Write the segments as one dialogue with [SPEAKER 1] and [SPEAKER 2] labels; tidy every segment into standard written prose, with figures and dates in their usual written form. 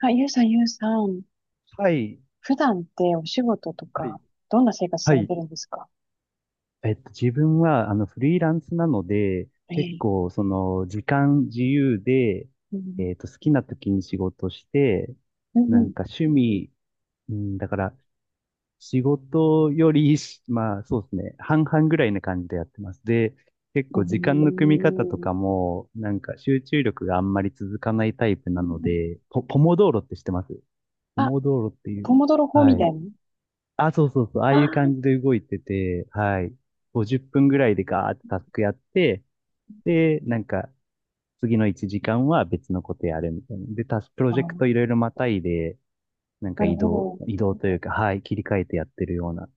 [SPEAKER 1] あ、ゆうさん、ゆうさん。
[SPEAKER 2] はい。やっ
[SPEAKER 1] 普段ってお仕事と
[SPEAKER 2] ぱり、
[SPEAKER 1] か、どんな生活さ
[SPEAKER 2] は
[SPEAKER 1] れて
[SPEAKER 2] い。
[SPEAKER 1] るんですか？
[SPEAKER 2] 自分は、フリーランスなので、
[SPEAKER 1] え
[SPEAKER 2] 結
[SPEAKER 1] え。
[SPEAKER 2] 構、時間自由で、
[SPEAKER 1] うん。
[SPEAKER 2] 好きな時に仕事して、
[SPEAKER 1] う
[SPEAKER 2] なん
[SPEAKER 1] ん。
[SPEAKER 2] か趣味、うん、だから、仕事よりし、まあ、そうですね、半々ぐらいな感じでやってます。で、結
[SPEAKER 1] う
[SPEAKER 2] 構、時間の組み方とか
[SPEAKER 1] ん。
[SPEAKER 2] も、なんか、集中力があんまり続かないタイプ
[SPEAKER 1] う
[SPEAKER 2] な
[SPEAKER 1] ー
[SPEAKER 2] の
[SPEAKER 1] ん。
[SPEAKER 2] で、ポモドーロって知ってます？ポ
[SPEAKER 1] あ、
[SPEAKER 2] モドーロっていう、
[SPEAKER 1] ポモドロ法み
[SPEAKER 2] は
[SPEAKER 1] たいな。
[SPEAKER 2] い。あ、そうそうそう、ああ
[SPEAKER 1] あー
[SPEAKER 2] いう感じで動いてて、はい。50分ぐらいでガーってタスクやって、で、なんか、次の1時間は別のことやるみたいな。で、タスク、プロ
[SPEAKER 1] あ
[SPEAKER 2] ジェクトい
[SPEAKER 1] ー、
[SPEAKER 2] ろいろまたいで、なんか
[SPEAKER 1] なる
[SPEAKER 2] 移
[SPEAKER 1] ほ
[SPEAKER 2] 動、
[SPEAKER 1] ど。
[SPEAKER 2] 移動というか、はい、切り替えてやってるような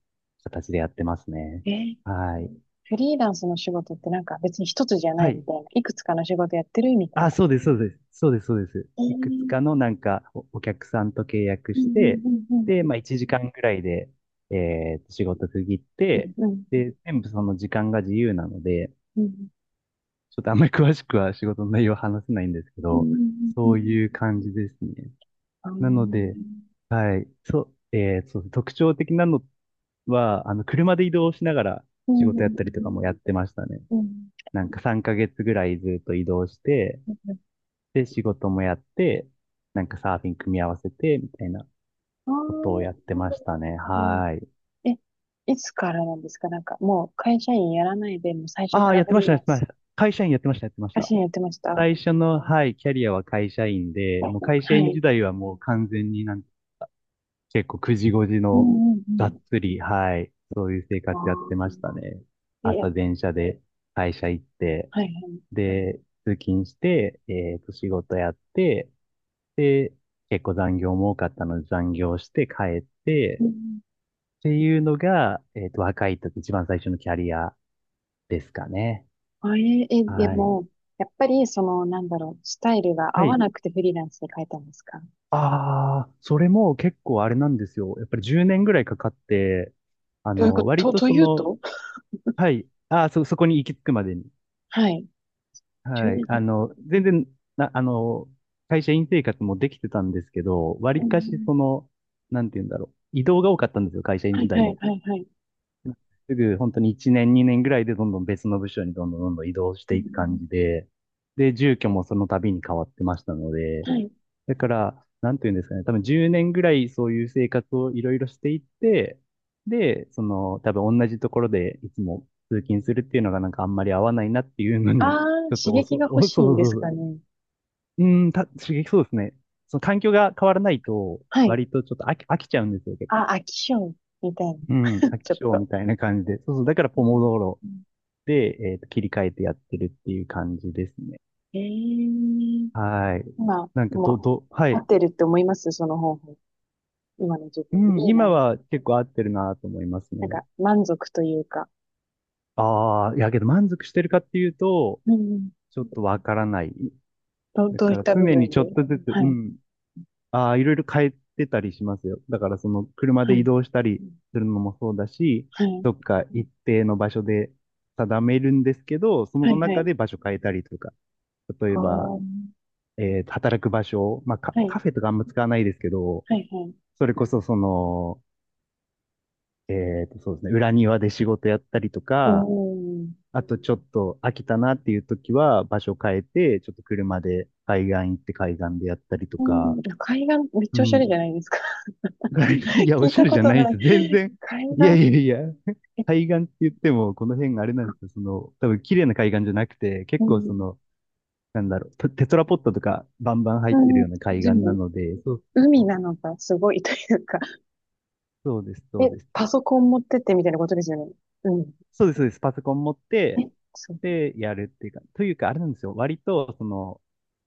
[SPEAKER 2] 形でやってますね。
[SPEAKER 1] ええ。
[SPEAKER 2] はい。
[SPEAKER 1] フリーランスの仕事ってなんか別に一つじゃな
[SPEAKER 2] は
[SPEAKER 1] いみ
[SPEAKER 2] い。
[SPEAKER 1] たいな。いくつかの仕事やってるみたい
[SPEAKER 2] あ、
[SPEAKER 1] な。
[SPEAKER 2] そうです、そうです。そうです、そうです。
[SPEAKER 1] え
[SPEAKER 2] いくつか
[SPEAKER 1] え。
[SPEAKER 2] のなんかお客さんと契約
[SPEAKER 1] うん。
[SPEAKER 2] して、
[SPEAKER 1] うん。う
[SPEAKER 2] で、
[SPEAKER 1] ん。
[SPEAKER 2] まあ1時間ぐらいで、仕事区切って、
[SPEAKER 1] うん。うん。
[SPEAKER 2] で、全部その時間が自由なので、ちょっとあんまり詳しくは仕事の内容は話せないんですけ
[SPEAKER 1] うん。う
[SPEAKER 2] ど、
[SPEAKER 1] ん。う
[SPEAKER 2] そ
[SPEAKER 1] ん、
[SPEAKER 2] ういう感じですね。
[SPEAKER 1] あー、
[SPEAKER 2] なので、
[SPEAKER 1] う
[SPEAKER 2] はい、そう、そう、特徴的なのは、車で移動しながら仕事やったりとか
[SPEAKER 1] ん。
[SPEAKER 2] もやってましたね。
[SPEAKER 1] うん。うん。
[SPEAKER 2] なんか3ヶ月ぐらいずっと移動して、で、仕事もやって、なんかサーフィン組み合わせて、みたいな
[SPEAKER 1] ああ、
[SPEAKER 2] ことをやって
[SPEAKER 1] なる
[SPEAKER 2] ましたね。
[SPEAKER 1] ほど。
[SPEAKER 2] はい。
[SPEAKER 1] え、いつからなんですか？なんか、もう会社員やらないで、もう最初
[SPEAKER 2] あ
[SPEAKER 1] か
[SPEAKER 2] あ、
[SPEAKER 1] ら
[SPEAKER 2] やっ
[SPEAKER 1] フ
[SPEAKER 2] てまし
[SPEAKER 1] リー
[SPEAKER 2] た、
[SPEAKER 1] ラ
[SPEAKER 2] やっ
[SPEAKER 1] ン
[SPEAKER 2] てま
[SPEAKER 1] ス？
[SPEAKER 2] した。会社員やってました、やってまし
[SPEAKER 1] 写
[SPEAKER 2] た。
[SPEAKER 1] 真やってました？
[SPEAKER 2] 最初の、はい、キャリアは会社員で、もう会社
[SPEAKER 1] は
[SPEAKER 2] 員時
[SPEAKER 1] い。
[SPEAKER 2] 代はもう完全に結構く時ご時
[SPEAKER 1] う
[SPEAKER 2] の
[SPEAKER 1] ん、う
[SPEAKER 2] がっ
[SPEAKER 1] ん、
[SPEAKER 2] つり、はい、そういう生
[SPEAKER 1] うん。あ
[SPEAKER 2] 活やってまし
[SPEAKER 1] あ。
[SPEAKER 2] たね。
[SPEAKER 1] え、や
[SPEAKER 2] 朝
[SPEAKER 1] っ、
[SPEAKER 2] 電車で会社行って、
[SPEAKER 1] はい。
[SPEAKER 2] で、通勤して、仕事やって、で、結構残業も多かったので残業して帰っ
[SPEAKER 1] う
[SPEAKER 2] て、
[SPEAKER 1] ん、
[SPEAKER 2] っていうのが、若い時、一番最初のキャリアですかね。
[SPEAKER 1] あ、で
[SPEAKER 2] はい。
[SPEAKER 1] も、やっぱり、その、なんだろう、スタイルが
[SPEAKER 2] は
[SPEAKER 1] 合わ
[SPEAKER 2] い。
[SPEAKER 1] なくてフリーランスで変えたんですか？
[SPEAKER 2] ああ、それも結構あれなんですよ。やっぱり10年ぐらいかかって、
[SPEAKER 1] どういうこと、
[SPEAKER 2] 割と
[SPEAKER 1] と
[SPEAKER 2] そ
[SPEAKER 1] いう
[SPEAKER 2] の、
[SPEAKER 1] と。
[SPEAKER 2] はい。ああ、そこに行き着くまでに。
[SPEAKER 1] はい。12
[SPEAKER 2] はい。
[SPEAKER 1] 年。
[SPEAKER 2] 全然、な、あの、会社員生活もできてたんですけど、
[SPEAKER 1] う
[SPEAKER 2] 割
[SPEAKER 1] ん、
[SPEAKER 2] か
[SPEAKER 1] う
[SPEAKER 2] し
[SPEAKER 1] ん、
[SPEAKER 2] その、なんて言うんだろう。移動が多かったんですよ、会社員
[SPEAKER 1] は
[SPEAKER 2] 時
[SPEAKER 1] い、
[SPEAKER 2] 代
[SPEAKER 1] はい、
[SPEAKER 2] も。
[SPEAKER 1] はい、はい。
[SPEAKER 2] すぐ本当に1年2年ぐらいでどんどん別の部署にどんどんどんどん移動し
[SPEAKER 1] う
[SPEAKER 2] ていく感
[SPEAKER 1] ん、
[SPEAKER 2] じで、で、住居もその度に変わってましたので、
[SPEAKER 1] うん、はい。
[SPEAKER 2] だから、なんていうんですかね、多分10年ぐらいそういう生活をいろいろしていって、で、その、多分同じところでいつも通勤するっていうのがなんかあんまり合わないなっていうの
[SPEAKER 1] あ
[SPEAKER 2] に、
[SPEAKER 1] あ、
[SPEAKER 2] ちょっ
[SPEAKER 1] 刺
[SPEAKER 2] とおそ、
[SPEAKER 1] 激が欲
[SPEAKER 2] お、そう
[SPEAKER 1] し
[SPEAKER 2] そ
[SPEAKER 1] い
[SPEAKER 2] う
[SPEAKER 1] で
[SPEAKER 2] そ
[SPEAKER 1] す
[SPEAKER 2] うそ
[SPEAKER 1] か
[SPEAKER 2] う。
[SPEAKER 1] ね。
[SPEAKER 2] うん、刺激そうですね。その環境が変わらないと、
[SPEAKER 1] はい。
[SPEAKER 2] 割とちょっと飽きちゃうんですよ、結構。
[SPEAKER 1] あ、飽き性みたいな。
[SPEAKER 2] うん、飽
[SPEAKER 1] ち
[SPEAKER 2] き
[SPEAKER 1] ょっ
[SPEAKER 2] 性
[SPEAKER 1] と。
[SPEAKER 2] みたいな感じで。そうそう、だから
[SPEAKER 1] う
[SPEAKER 2] ポモ
[SPEAKER 1] ん。
[SPEAKER 2] ドーロで、切り替えてやってるっていう感じですね。
[SPEAKER 1] ええ。
[SPEAKER 2] はい。
[SPEAKER 1] 今、
[SPEAKER 2] なんか、
[SPEAKER 1] もう、
[SPEAKER 2] は
[SPEAKER 1] 合
[SPEAKER 2] い。
[SPEAKER 1] ってるって思います？その方法。今の自
[SPEAKER 2] う
[SPEAKER 1] 分に。
[SPEAKER 2] ん、
[SPEAKER 1] いい
[SPEAKER 2] 今
[SPEAKER 1] な。な
[SPEAKER 2] は結構合ってるなと思います
[SPEAKER 1] ん
[SPEAKER 2] ね。
[SPEAKER 1] か、満足というか。
[SPEAKER 2] ああ、いやけど満足してるかっていうと、
[SPEAKER 1] うん、うん。
[SPEAKER 2] ちょっとわからない。だ
[SPEAKER 1] どうい
[SPEAKER 2] か
[SPEAKER 1] っ
[SPEAKER 2] ら
[SPEAKER 1] た部
[SPEAKER 2] 常に
[SPEAKER 1] 分
[SPEAKER 2] ちょっ
[SPEAKER 1] で？
[SPEAKER 2] とずつ、
[SPEAKER 1] は
[SPEAKER 2] う
[SPEAKER 1] い、
[SPEAKER 2] ん、ああ、いろいろ変えてたりしますよ。だからその車で
[SPEAKER 1] は
[SPEAKER 2] 移
[SPEAKER 1] い、
[SPEAKER 2] 動したりするのもそうだし、
[SPEAKER 1] はい、
[SPEAKER 2] どっか一定の場所で定めるんですけど、そ
[SPEAKER 1] は
[SPEAKER 2] の
[SPEAKER 1] い、は
[SPEAKER 2] 中
[SPEAKER 1] い。
[SPEAKER 2] で場所変えたりとか、例え
[SPEAKER 1] ああ、
[SPEAKER 2] ば
[SPEAKER 1] は
[SPEAKER 2] 働く場所、まあカフェ
[SPEAKER 1] い、
[SPEAKER 2] とかあんま使わないですけど、
[SPEAKER 1] はい、はい。
[SPEAKER 2] それこそその、えそうですね、裏庭で仕事やったりと
[SPEAKER 1] お
[SPEAKER 2] か、
[SPEAKER 1] ん。
[SPEAKER 2] あとちょっと飽きたなっていう時は場所変えて、ちょっと車で海岸行って海岸でやったりと
[SPEAKER 1] う
[SPEAKER 2] か、
[SPEAKER 1] ん、海岸、めっ
[SPEAKER 2] う
[SPEAKER 1] ちゃおしゃれ
[SPEAKER 2] ん。
[SPEAKER 1] じゃないですか。
[SPEAKER 2] い や、お
[SPEAKER 1] 聞い
[SPEAKER 2] しゃ
[SPEAKER 1] た
[SPEAKER 2] れ
[SPEAKER 1] こ
[SPEAKER 2] じゃ
[SPEAKER 1] と
[SPEAKER 2] ないん
[SPEAKER 1] な
[SPEAKER 2] で
[SPEAKER 1] い。
[SPEAKER 2] すよ。全然。
[SPEAKER 1] 海
[SPEAKER 2] いや
[SPEAKER 1] 岸、
[SPEAKER 2] いやいや。
[SPEAKER 1] え、
[SPEAKER 2] 海岸って言っても、この辺があれなんですよ。その、多分綺麗な海岸じゃなくて、
[SPEAKER 1] う
[SPEAKER 2] 結構そ
[SPEAKER 1] ん。
[SPEAKER 2] の、なんだろう、テトラポットとかバンバン入っ
[SPEAKER 1] う
[SPEAKER 2] てるよ
[SPEAKER 1] ん。
[SPEAKER 2] うな海
[SPEAKER 1] で
[SPEAKER 2] 岸な
[SPEAKER 1] も、
[SPEAKER 2] ので、そうそ
[SPEAKER 1] 海
[SPEAKER 2] う、
[SPEAKER 1] なのがすごいというか、
[SPEAKER 2] そうです、そう
[SPEAKER 1] え、
[SPEAKER 2] です。
[SPEAKER 1] パソコン持ってってみたいなことですよね。うん。
[SPEAKER 2] そうです、そうです。パソコン持っ
[SPEAKER 1] え、
[SPEAKER 2] て、
[SPEAKER 1] そう。
[SPEAKER 2] で、やるっていうか、というか、あれなんですよ。割と、その、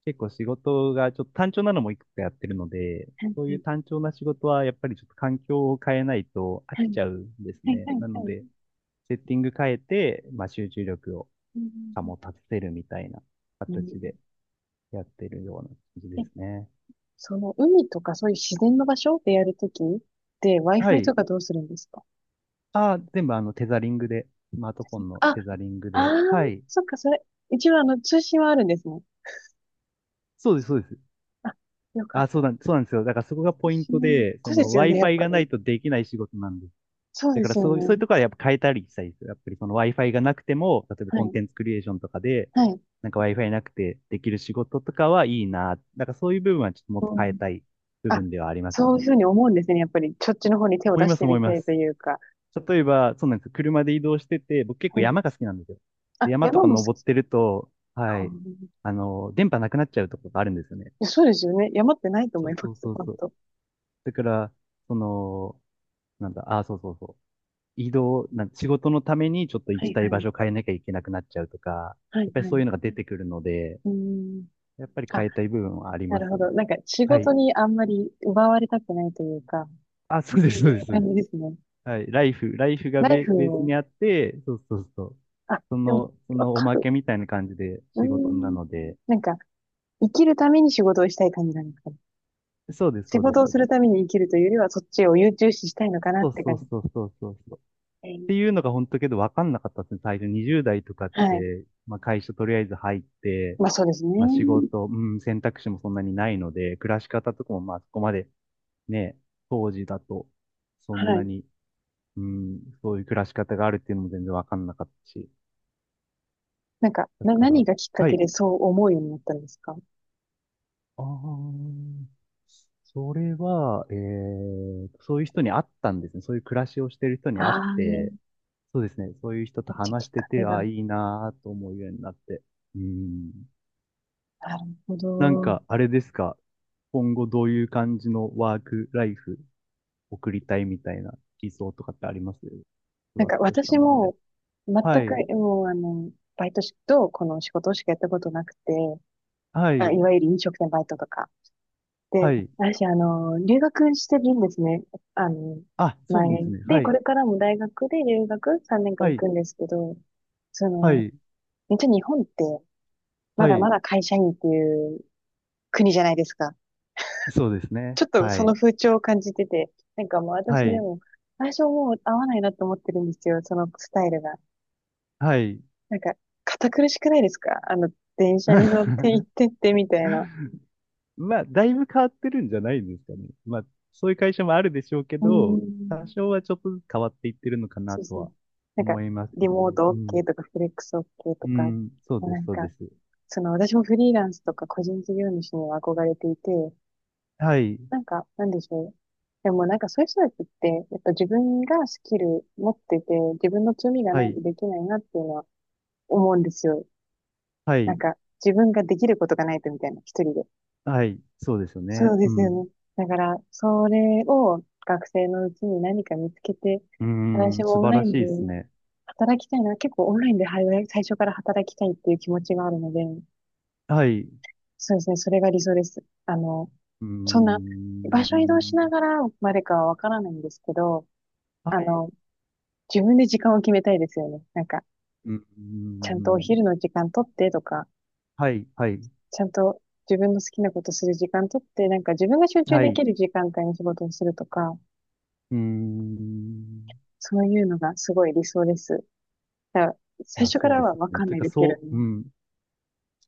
[SPEAKER 2] 結構仕事がちょっと単調なのもいくつかやってるので、そういう単調な仕事は、やっぱりちょっと環境を変えないと飽
[SPEAKER 1] はい、
[SPEAKER 2] きちゃうんです
[SPEAKER 1] はい、
[SPEAKER 2] ね。
[SPEAKER 1] はい、
[SPEAKER 2] なの
[SPEAKER 1] はい。
[SPEAKER 2] で、セッティング変えて、まあ、集中力を
[SPEAKER 1] うん、うん、
[SPEAKER 2] 保たせるみたいな
[SPEAKER 1] うん、う
[SPEAKER 2] 形でやってるような感じ
[SPEAKER 1] ん、
[SPEAKER 2] で
[SPEAKER 1] え、
[SPEAKER 2] すね。
[SPEAKER 1] その海とかそういう自然の場所でやるときって
[SPEAKER 2] は
[SPEAKER 1] Wi-Fi と
[SPEAKER 2] い。
[SPEAKER 1] かどうするんですか？
[SPEAKER 2] あ、全部テザリングで、スマートフォンの
[SPEAKER 1] あ、
[SPEAKER 2] テザリング
[SPEAKER 1] あー、
[SPEAKER 2] で。はい。
[SPEAKER 1] そっか、それ。一応あの通信はあるんですね。
[SPEAKER 2] そうです、そうです。
[SPEAKER 1] あ、よかっ
[SPEAKER 2] あ、
[SPEAKER 1] た。
[SPEAKER 2] そうなんですよ。だからそこが
[SPEAKER 1] 通
[SPEAKER 2] ポイント
[SPEAKER 1] 信。
[SPEAKER 2] で、そ
[SPEAKER 1] そうで
[SPEAKER 2] の
[SPEAKER 1] すよね、やっ
[SPEAKER 2] Wi-Fi
[SPEAKER 1] ぱ
[SPEAKER 2] がな
[SPEAKER 1] り。
[SPEAKER 2] いとできない仕事なんです。
[SPEAKER 1] そう
[SPEAKER 2] だ
[SPEAKER 1] で
[SPEAKER 2] から
[SPEAKER 1] すよ
[SPEAKER 2] そう、そういう
[SPEAKER 1] ね。
[SPEAKER 2] ところはやっぱ変えたりしたいですよ。やっぱりその Wi-Fi がなくても、例えば
[SPEAKER 1] は
[SPEAKER 2] コン
[SPEAKER 1] い、
[SPEAKER 2] テンツクリエーションとかで、
[SPEAKER 1] はい。
[SPEAKER 2] なんか Wi-Fi なくてできる仕事とかはいいな。だからそういう部分はちょっともっと
[SPEAKER 1] う
[SPEAKER 2] 変え
[SPEAKER 1] ん。
[SPEAKER 2] たい部
[SPEAKER 1] あ、
[SPEAKER 2] 分ではありますよ
[SPEAKER 1] そうい
[SPEAKER 2] ね。
[SPEAKER 1] うふうに思うんですね。やっぱり、そっちの方に手を
[SPEAKER 2] 思い
[SPEAKER 1] 出
[SPEAKER 2] ま
[SPEAKER 1] し
[SPEAKER 2] す、
[SPEAKER 1] て
[SPEAKER 2] 思い
[SPEAKER 1] みた
[SPEAKER 2] ま
[SPEAKER 1] いと
[SPEAKER 2] す。
[SPEAKER 1] いうか。
[SPEAKER 2] 例えば、そうなんですよ。車で移動してて、僕結構
[SPEAKER 1] はい。
[SPEAKER 2] 山が好きなんですよ。
[SPEAKER 1] あ、
[SPEAKER 2] で山と
[SPEAKER 1] 山
[SPEAKER 2] か
[SPEAKER 1] も好
[SPEAKER 2] 登っ
[SPEAKER 1] き
[SPEAKER 2] てると、は
[SPEAKER 1] か。
[SPEAKER 2] い、電波なくなっちゃうところがあるんですよね。
[SPEAKER 1] いや、そうですよね。山ってないと思
[SPEAKER 2] そ
[SPEAKER 1] い
[SPEAKER 2] う
[SPEAKER 1] ま
[SPEAKER 2] そう
[SPEAKER 1] す、
[SPEAKER 2] そう
[SPEAKER 1] 本
[SPEAKER 2] そう。
[SPEAKER 1] 当。
[SPEAKER 2] だから、その、なんだ、あ、そうそうそう。移動、なん、仕事のためにちょっと
[SPEAKER 1] は
[SPEAKER 2] 行き
[SPEAKER 1] い、
[SPEAKER 2] たい
[SPEAKER 1] は
[SPEAKER 2] 場
[SPEAKER 1] い、
[SPEAKER 2] 所を変えなきゃいけなくなっちゃうとか、
[SPEAKER 1] は
[SPEAKER 2] やっ
[SPEAKER 1] い、
[SPEAKER 2] ぱり
[SPEAKER 1] は
[SPEAKER 2] そういうの
[SPEAKER 1] い。
[SPEAKER 2] が出てくるので、
[SPEAKER 1] うん。
[SPEAKER 2] やっぱり
[SPEAKER 1] あ、
[SPEAKER 2] 変えたい部分はあり
[SPEAKER 1] な
[SPEAKER 2] ま
[SPEAKER 1] る
[SPEAKER 2] す
[SPEAKER 1] ほ
[SPEAKER 2] よね。
[SPEAKER 1] ど。なんか仕
[SPEAKER 2] は
[SPEAKER 1] 事
[SPEAKER 2] い。
[SPEAKER 1] にあんまり奪われたくないというか、
[SPEAKER 2] あ、そうで
[SPEAKER 1] そう
[SPEAKER 2] す、そうで
[SPEAKER 1] いう
[SPEAKER 2] す、そうで
[SPEAKER 1] 感
[SPEAKER 2] す。
[SPEAKER 1] じですね。
[SPEAKER 2] はい。ライフが
[SPEAKER 1] ナイ
[SPEAKER 2] ベ、
[SPEAKER 1] フ
[SPEAKER 2] ベース
[SPEAKER 1] を、
[SPEAKER 2] にあって、そうそうそう。
[SPEAKER 1] あ、
[SPEAKER 2] そ
[SPEAKER 1] でも、
[SPEAKER 2] の、そ
[SPEAKER 1] わ
[SPEAKER 2] のお
[SPEAKER 1] か
[SPEAKER 2] ま
[SPEAKER 1] る。
[SPEAKER 2] けみたいな感じで
[SPEAKER 1] うー
[SPEAKER 2] 仕事な
[SPEAKER 1] ん。
[SPEAKER 2] ので、
[SPEAKER 1] なんか、生きるために仕事をしたい感じなんですかね。
[SPEAKER 2] そうです、
[SPEAKER 1] 仕
[SPEAKER 2] そうです、
[SPEAKER 1] 事を
[SPEAKER 2] そう
[SPEAKER 1] す
[SPEAKER 2] で
[SPEAKER 1] る
[SPEAKER 2] す。
[SPEAKER 1] ために生きるというよりは、そっちを優中視したいのかなっ
[SPEAKER 2] そう
[SPEAKER 1] て
[SPEAKER 2] そう
[SPEAKER 1] 感じ。
[SPEAKER 2] そうそうそうそう。
[SPEAKER 1] え
[SPEAKER 2] って
[SPEAKER 1] ー
[SPEAKER 2] いうのが本当けど分かんなかったですね。最初20代とかっ
[SPEAKER 1] はい。
[SPEAKER 2] て、まあ会社とりあえず入って、
[SPEAKER 1] まあそうですね。
[SPEAKER 2] まあ仕事、うん、選択肢もそんなにないので、暮らし方とかもまあそこまでね、当時だとそん
[SPEAKER 1] は
[SPEAKER 2] な
[SPEAKER 1] い。
[SPEAKER 2] に、うん、そういう暮らし方があるっていうのも全然分かんなかったし。
[SPEAKER 1] なんか、
[SPEAKER 2] だか
[SPEAKER 1] 何
[SPEAKER 2] ら、
[SPEAKER 1] がきっか
[SPEAKER 2] は
[SPEAKER 1] け
[SPEAKER 2] い。
[SPEAKER 1] でそう思うようになったんですか？
[SPEAKER 2] ああ、それは、そういう人に会ったんですね。そういう暮らしをしてる人に会っ
[SPEAKER 1] ああー、め
[SPEAKER 2] て、そうですね。そういう人と
[SPEAKER 1] っちゃ
[SPEAKER 2] 話
[SPEAKER 1] き
[SPEAKER 2] し
[SPEAKER 1] っ
[SPEAKER 2] て
[SPEAKER 1] かけ
[SPEAKER 2] て、ああ、
[SPEAKER 1] が。
[SPEAKER 2] いいなーと思うようになって。うん。
[SPEAKER 1] なるほ
[SPEAKER 2] なん
[SPEAKER 1] ど。
[SPEAKER 2] か、あれですか。今後どういう感じのワークライフ送りたいみたいな理想とかってあります？ふ
[SPEAKER 1] なん
[SPEAKER 2] わっ
[SPEAKER 1] か
[SPEAKER 2] とした
[SPEAKER 1] 私
[SPEAKER 2] もので。
[SPEAKER 1] も全
[SPEAKER 2] は
[SPEAKER 1] く
[SPEAKER 2] い。
[SPEAKER 1] もうあの、バイトしとこの仕事しかやったことなくて、
[SPEAKER 2] は
[SPEAKER 1] あ、い
[SPEAKER 2] い。
[SPEAKER 1] わゆる飲食店バイトとか。
[SPEAKER 2] は
[SPEAKER 1] で、
[SPEAKER 2] い。
[SPEAKER 1] 私あの、留学してるんですね。あの、
[SPEAKER 2] あ、そう
[SPEAKER 1] 前。
[SPEAKER 2] なんですね。
[SPEAKER 1] で、
[SPEAKER 2] は
[SPEAKER 1] こ
[SPEAKER 2] い。
[SPEAKER 1] れからも大学で留学3年間
[SPEAKER 2] は
[SPEAKER 1] 行
[SPEAKER 2] い。
[SPEAKER 1] くんですけど、そ
[SPEAKER 2] は
[SPEAKER 1] の、
[SPEAKER 2] い。
[SPEAKER 1] めっちゃ日本ってま
[SPEAKER 2] は
[SPEAKER 1] だま
[SPEAKER 2] い。
[SPEAKER 1] だ会社員っていう国じゃないですか。
[SPEAKER 2] そうです
[SPEAKER 1] ち
[SPEAKER 2] ね。
[SPEAKER 1] ょっと
[SPEAKER 2] は
[SPEAKER 1] その
[SPEAKER 2] い。
[SPEAKER 1] 風潮を感じてて、なんかもう私
[SPEAKER 2] は
[SPEAKER 1] で
[SPEAKER 2] い。
[SPEAKER 1] も最初もう合わないなと思ってるんですよ、そのスタイルが。
[SPEAKER 2] はい。
[SPEAKER 1] なんか、堅苦しくないですか？あの、電車に乗って行っ てってみたいな。
[SPEAKER 2] まあ、だいぶ変わってるんじゃないですかね。まあ、そういう会社もあるでしょうけ
[SPEAKER 1] う
[SPEAKER 2] ど、
[SPEAKER 1] ん。
[SPEAKER 2] 多少はちょっとずつ変わっていってるのかな
[SPEAKER 1] そう
[SPEAKER 2] と
[SPEAKER 1] そう。
[SPEAKER 2] は
[SPEAKER 1] なんか、
[SPEAKER 2] 思いますけ
[SPEAKER 1] リ
[SPEAKER 2] ど
[SPEAKER 1] モー
[SPEAKER 2] ね。う
[SPEAKER 1] ト
[SPEAKER 2] ん。
[SPEAKER 1] OK とか、フレックス OK と
[SPEAKER 2] う
[SPEAKER 1] か、
[SPEAKER 2] ん。そうで
[SPEAKER 1] な
[SPEAKER 2] す、
[SPEAKER 1] ん
[SPEAKER 2] そう
[SPEAKER 1] か、
[SPEAKER 2] です。
[SPEAKER 1] その、私もフリーランスとか個人事業主には憧れていて、
[SPEAKER 2] はい。
[SPEAKER 1] なんか、なんでしょう。でもなんかそういう人たちって、やっぱ自分がスキル持ってて、自分の強みが
[SPEAKER 2] は
[SPEAKER 1] ない
[SPEAKER 2] い。
[SPEAKER 1] とできないなっていうのは思うんですよ。
[SPEAKER 2] は
[SPEAKER 1] なん
[SPEAKER 2] い。
[SPEAKER 1] か、自分ができることがないとみたいな、一人で。
[SPEAKER 2] はい。そうですよ
[SPEAKER 1] そう
[SPEAKER 2] ね。
[SPEAKER 1] で
[SPEAKER 2] う
[SPEAKER 1] すよ
[SPEAKER 2] ん。
[SPEAKER 1] ね。だから、それを学生のうちに何か見つけて、
[SPEAKER 2] うー
[SPEAKER 1] 私
[SPEAKER 2] ん。
[SPEAKER 1] も
[SPEAKER 2] 素
[SPEAKER 1] オン
[SPEAKER 2] 晴
[SPEAKER 1] ラ
[SPEAKER 2] ら
[SPEAKER 1] イ
[SPEAKER 2] し
[SPEAKER 1] ン
[SPEAKER 2] い
[SPEAKER 1] で
[SPEAKER 2] ですね。
[SPEAKER 1] 働きたいな。結構オンラインではい最初から働きたいっていう気持ちがあるので、
[SPEAKER 2] はい。う
[SPEAKER 1] そうですね。それが理想です。あの、
[SPEAKER 2] ー
[SPEAKER 1] そんな、場所移動しな
[SPEAKER 2] ん。
[SPEAKER 1] がらまでかはわからないんですけど、
[SPEAKER 2] は
[SPEAKER 1] あ
[SPEAKER 2] い。
[SPEAKER 1] の、自分で時間を決めたいですよね。なんか、
[SPEAKER 2] うー
[SPEAKER 1] ちゃんとお
[SPEAKER 2] ん。
[SPEAKER 1] 昼の時間取ってとか、
[SPEAKER 2] はい。はい。
[SPEAKER 1] ちゃんと自分の好きなことする時間取って、なんか自分が集中
[SPEAKER 2] は
[SPEAKER 1] で
[SPEAKER 2] い。
[SPEAKER 1] き
[SPEAKER 2] う
[SPEAKER 1] る時間帯に仕事をするとか、
[SPEAKER 2] ーん。
[SPEAKER 1] そういうのがすごい理想です。だから
[SPEAKER 2] い
[SPEAKER 1] 最
[SPEAKER 2] や、
[SPEAKER 1] 初か
[SPEAKER 2] そう
[SPEAKER 1] ら
[SPEAKER 2] です
[SPEAKER 1] はわ
[SPEAKER 2] ね。
[SPEAKER 1] かん
[SPEAKER 2] という
[SPEAKER 1] ない
[SPEAKER 2] か、
[SPEAKER 1] ですけど
[SPEAKER 2] そう、
[SPEAKER 1] ね。
[SPEAKER 2] うん。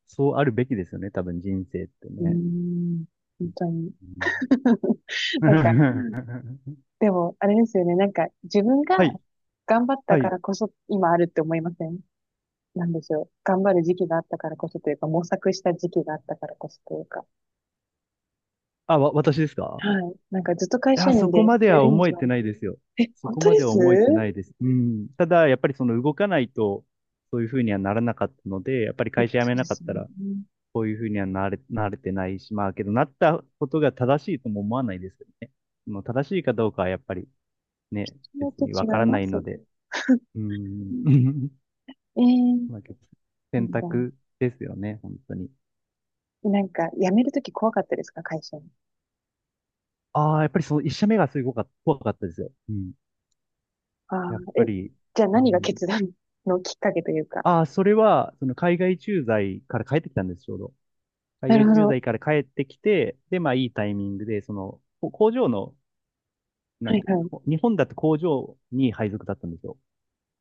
[SPEAKER 2] そうあるべきですよね、多分人生って
[SPEAKER 1] うー
[SPEAKER 2] ね。
[SPEAKER 1] ん、本当に。
[SPEAKER 2] う
[SPEAKER 1] なんか、
[SPEAKER 2] ん。
[SPEAKER 1] でも、あれですよね。なんか、自分が
[SPEAKER 2] はい、
[SPEAKER 1] 頑張った
[SPEAKER 2] は
[SPEAKER 1] か
[SPEAKER 2] い。
[SPEAKER 1] らこそ今あるって思いません？なんでしょう。頑張る時期があったからこそというか、模索した時期があったからこそというか。
[SPEAKER 2] あ、私ですか？
[SPEAKER 1] はい。なんかずっと会
[SPEAKER 2] い
[SPEAKER 1] 社
[SPEAKER 2] や、そ
[SPEAKER 1] 員
[SPEAKER 2] こ
[SPEAKER 1] で
[SPEAKER 2] まで
[SPEAKER 1] や
[SPEAKER 2] は
[SPEAKER 1] るに
[SPEAKER 2] 思え
[SPEAKER 1] は、
[SPEAKER 2] てないですよ。
[SPEAKER 1] え、
[SPEAKER 2] そ
[SPEAKER 1] 本
[SPEAKER 2] こ
[SPEAKER 1] 当
[SPEAKER 2] ま
[SPEAKER 1] で
[SPEAKER 2] では
[SPEAKER 1] す？
[SPEAKER 2] 思えてないです。うん。ただ、やっぱりその動かないと、そういうふうにはならなかったので、やっぱり
[SPEAKER 1] え、
[SPEAKER 2] 会社辞
[SPEAKER 1] そ
[SPEAKER 2] め
[SPEAKER 1] うで
[SPEAKER 2] なかっ
[SPEAKER 1] すよ
[SPEAKER 2] た
[SPEAKER 1] ね。
[SPEAKER 2] ら、
[SPEAKER 1] う、
[SPEAKER 2] こういうふうにはなれてないし、まあ、けど、なったことが正しいとも思わないですけどね。その正しいかどうかはやっぱりね、別
[SPEAKER 1] と
[SPEAKER 2] にわ
[SPEAKER 1] 違
[SPEAKER 2] か
[SPEAKER 1] い
[SPEAKER 2] ら
[SPEAKER 1] ま
[SPEAKER 2] ない
[SPEAKER 1] す。
[SPEAKER 2] ので、う
[SPEAKER 1] う
[SPEAKER 2] ん。
[SPEAKER 1] ん。 えー、
[SPEAKER 2] まあ、
[SPEAKER 1] な
[SPEAKER 2] 選
[SPEAKER 1] ん
[SPEAKER 2] 択
[SPEAKER 1] だ。
[SPEAKER 2] ですよね、本当に。
[SPEAKER 1] なんか、辞めるとき怖かったですか、会社？
[SPEAKER 2] ああ、やっぱりその一社目がすごか、怖かったですよ。うん。
[SPEAKER 1] ああ、
[SPEAKER 2] やっぱ
[SPEAKER 1] え、
[SPEAKER 2] り、
[SPEAKER 1] じゃあ
[SPEAKER 2] う
[SPEAKER 1] 何が
[SPEAKER 2] ん、
[SPEAKER 1] 決断のきっかけというか。
[SPEAKER 2] ああ、それは、その海外駐在から帰ってきたんです、ちょうど。海
[SPEAKER 1] なる
[SPEAKER 2] 外
[SPEAKER 1] ほ
[SPEAKER 2] 駐
[SPEAKER 1] ど。
[SPEAKER 2] 在から帰ってきて、で、まあいいタイミングで、その、こ工場の、な
[SPEAKER 1] は
[SPEAKER 2] ん
[SPEAKER 1] い、
[SPEAKER 2] て、
[SPEAKER 1] は
[SPEAKER 2] こ
[SPEAKER 1] い。
[SPEAKER 2] 日本だと工場に配属だったんですよ。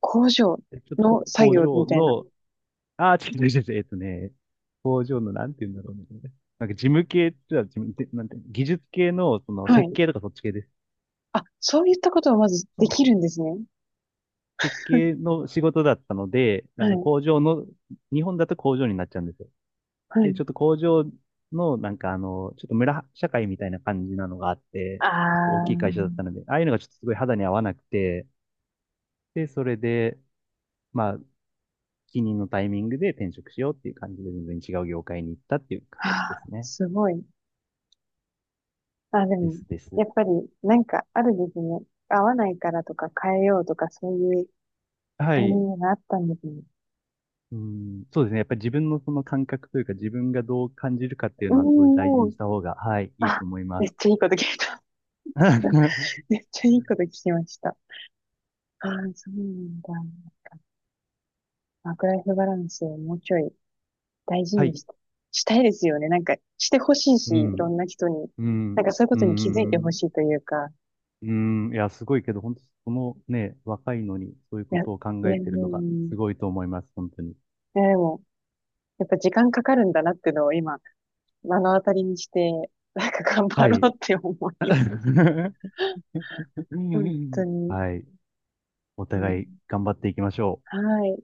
[SPEAKER 1] 工場
[SPEAKER 2] でちょっと
[SPEAKER 1] の
[SPEAKER 2] こ
[SPEAKER 1] 作
[SPEAKER 2] 工
[SPEAKER 1] 業
[SPEAKER 2] 場
[SPEAKER 1] みたいな。
[SPEAKER 2] の、ああ、違う違う違う、工場の、なんて言うんだろうね。なんか事務系って言ったら事務、なんて、技術系の、その
[SPEAKER 1] は
[SPEAKER 2] 設
[SPEAKER 1] い。
[SPEAKER 2] 計とかそっち系です。
[SPEAKER 1] あ、そういったことをまず
[SPEAKER 2] そ
[SPEAKER 1] で
[SPEAKER 2] う
[SPEAKER 1] きるんですね。
[SPEAKER 2] 設計の仕事だったので、
[SPEAKER 1] はい、
[SPEAKER 2] 工場の、日本だと工場になっちゃうんですよ。
[SPEAKER 1] は
[SPEAKER 2] で、
[SPEAKER 1] い。
[SPEAKER 2] ちょっと工場の、なんかちょっと村社会みたいな感じなのがあって、
[SPEAKER 1] あ
[SPEAKER 2] 結構大
[SPEAKER 1] あ、
[SPEAKER 2] きい会社だったので、ああいうのがちょっとすごい肌に合わなくて、で、それで、まあ、帰任のタイミングで転職しようっていう感じで全然違う業界に行ったっていう感
[SPEAKER 1] は
[SPEAKER 2] じで
[SPEAKER 1] あ、
[SPEAKER 2] すね。
[SPEAKER 1] すごい。あ、で
[SPEAKER 2] で
[SPEAKER 1] も、
[SPEAKER 2] すです。
[SPEAKER 1] やっぱり、なんか、あるですね。合わないからとか変えようとか、そういう
[SPEAKER 2] は
[SPEAKER 1] タイミ
[SPEAKER 2] い。
[SPEAKER 1] ングがあったんですね。
[SPEAKER 2] うん、そうですね。やっぱり自分のその感覚というか自分がどう感じるかっていう
[SPEAKER 1] うん、
[SPEAKER 2] のはすごい大事
[SPEAKER 1] も
[SPEAKER 2] に
[SPEAKER 1] う、
[SPEAKER 2] した方が、はい、いい
[SPEAKER 1] あ、
[SPEAKER 2] と思いま
[SPEAKER 1] めっ
[SPEAKER 2] す。
[SPEAKER 1] ちゃいいこと聞いた。
[SPEAKER 2] は
[SPEAKER 1] めっちゃいいこと聞きました。ああ、そうなんだ。ワークライフバランスをもうちょい大事
[SPEAKER 2] い。
[SPEAKER 1] にしたいですよね。なんか、してほしいし、
[SPEAKER 2] う
[SPEAKER 1] い
[SPEAKER 2] ん、
[SPEAKER 1] ろんな人に。
[SPEAKER 2] う
[SPEAKER 1] なんか
[SPEAKER 2] ん、
[SPEAKER 1] そういうこ
[SPEAKER 2] う
[SPEAKER 1] とに気づいてほ
[SPEAKER 2] ん、
[SPEAKER 1] しいというか、
[SPEAKER 2] うん、いや、すごいけど、本当そのね、若いのにそういう
[SPEAKER 1] い
[SPEAKER 2] こ
[SPEAKER 1] や、い
[SPEAKER 2] とを考え
[SPEAKER 1] や、う
[SPEAKER 2] てるのが
[SPEAKER 1] ん、い
[SPEAKER 2] すごいと思います、本当に。
[SPEAKER 1] やでも、やっぱ時間かかるんだなっていうのを今、目の当たりにして、なんか頑張
[SPEAKER 2] はい。
[SPEAKER 1] ろうって思います。本当に。
[SPEAKER 2] はい。お
[SPEAKER 1] う
[SPEAKER 2] 互い
[SPEAKER 1] ん、
[SPEAKER 2] 頑張っていきましょ
[SPEAKER 1] は
[SPEAKER 2] う。
[SPEAKER 1] い。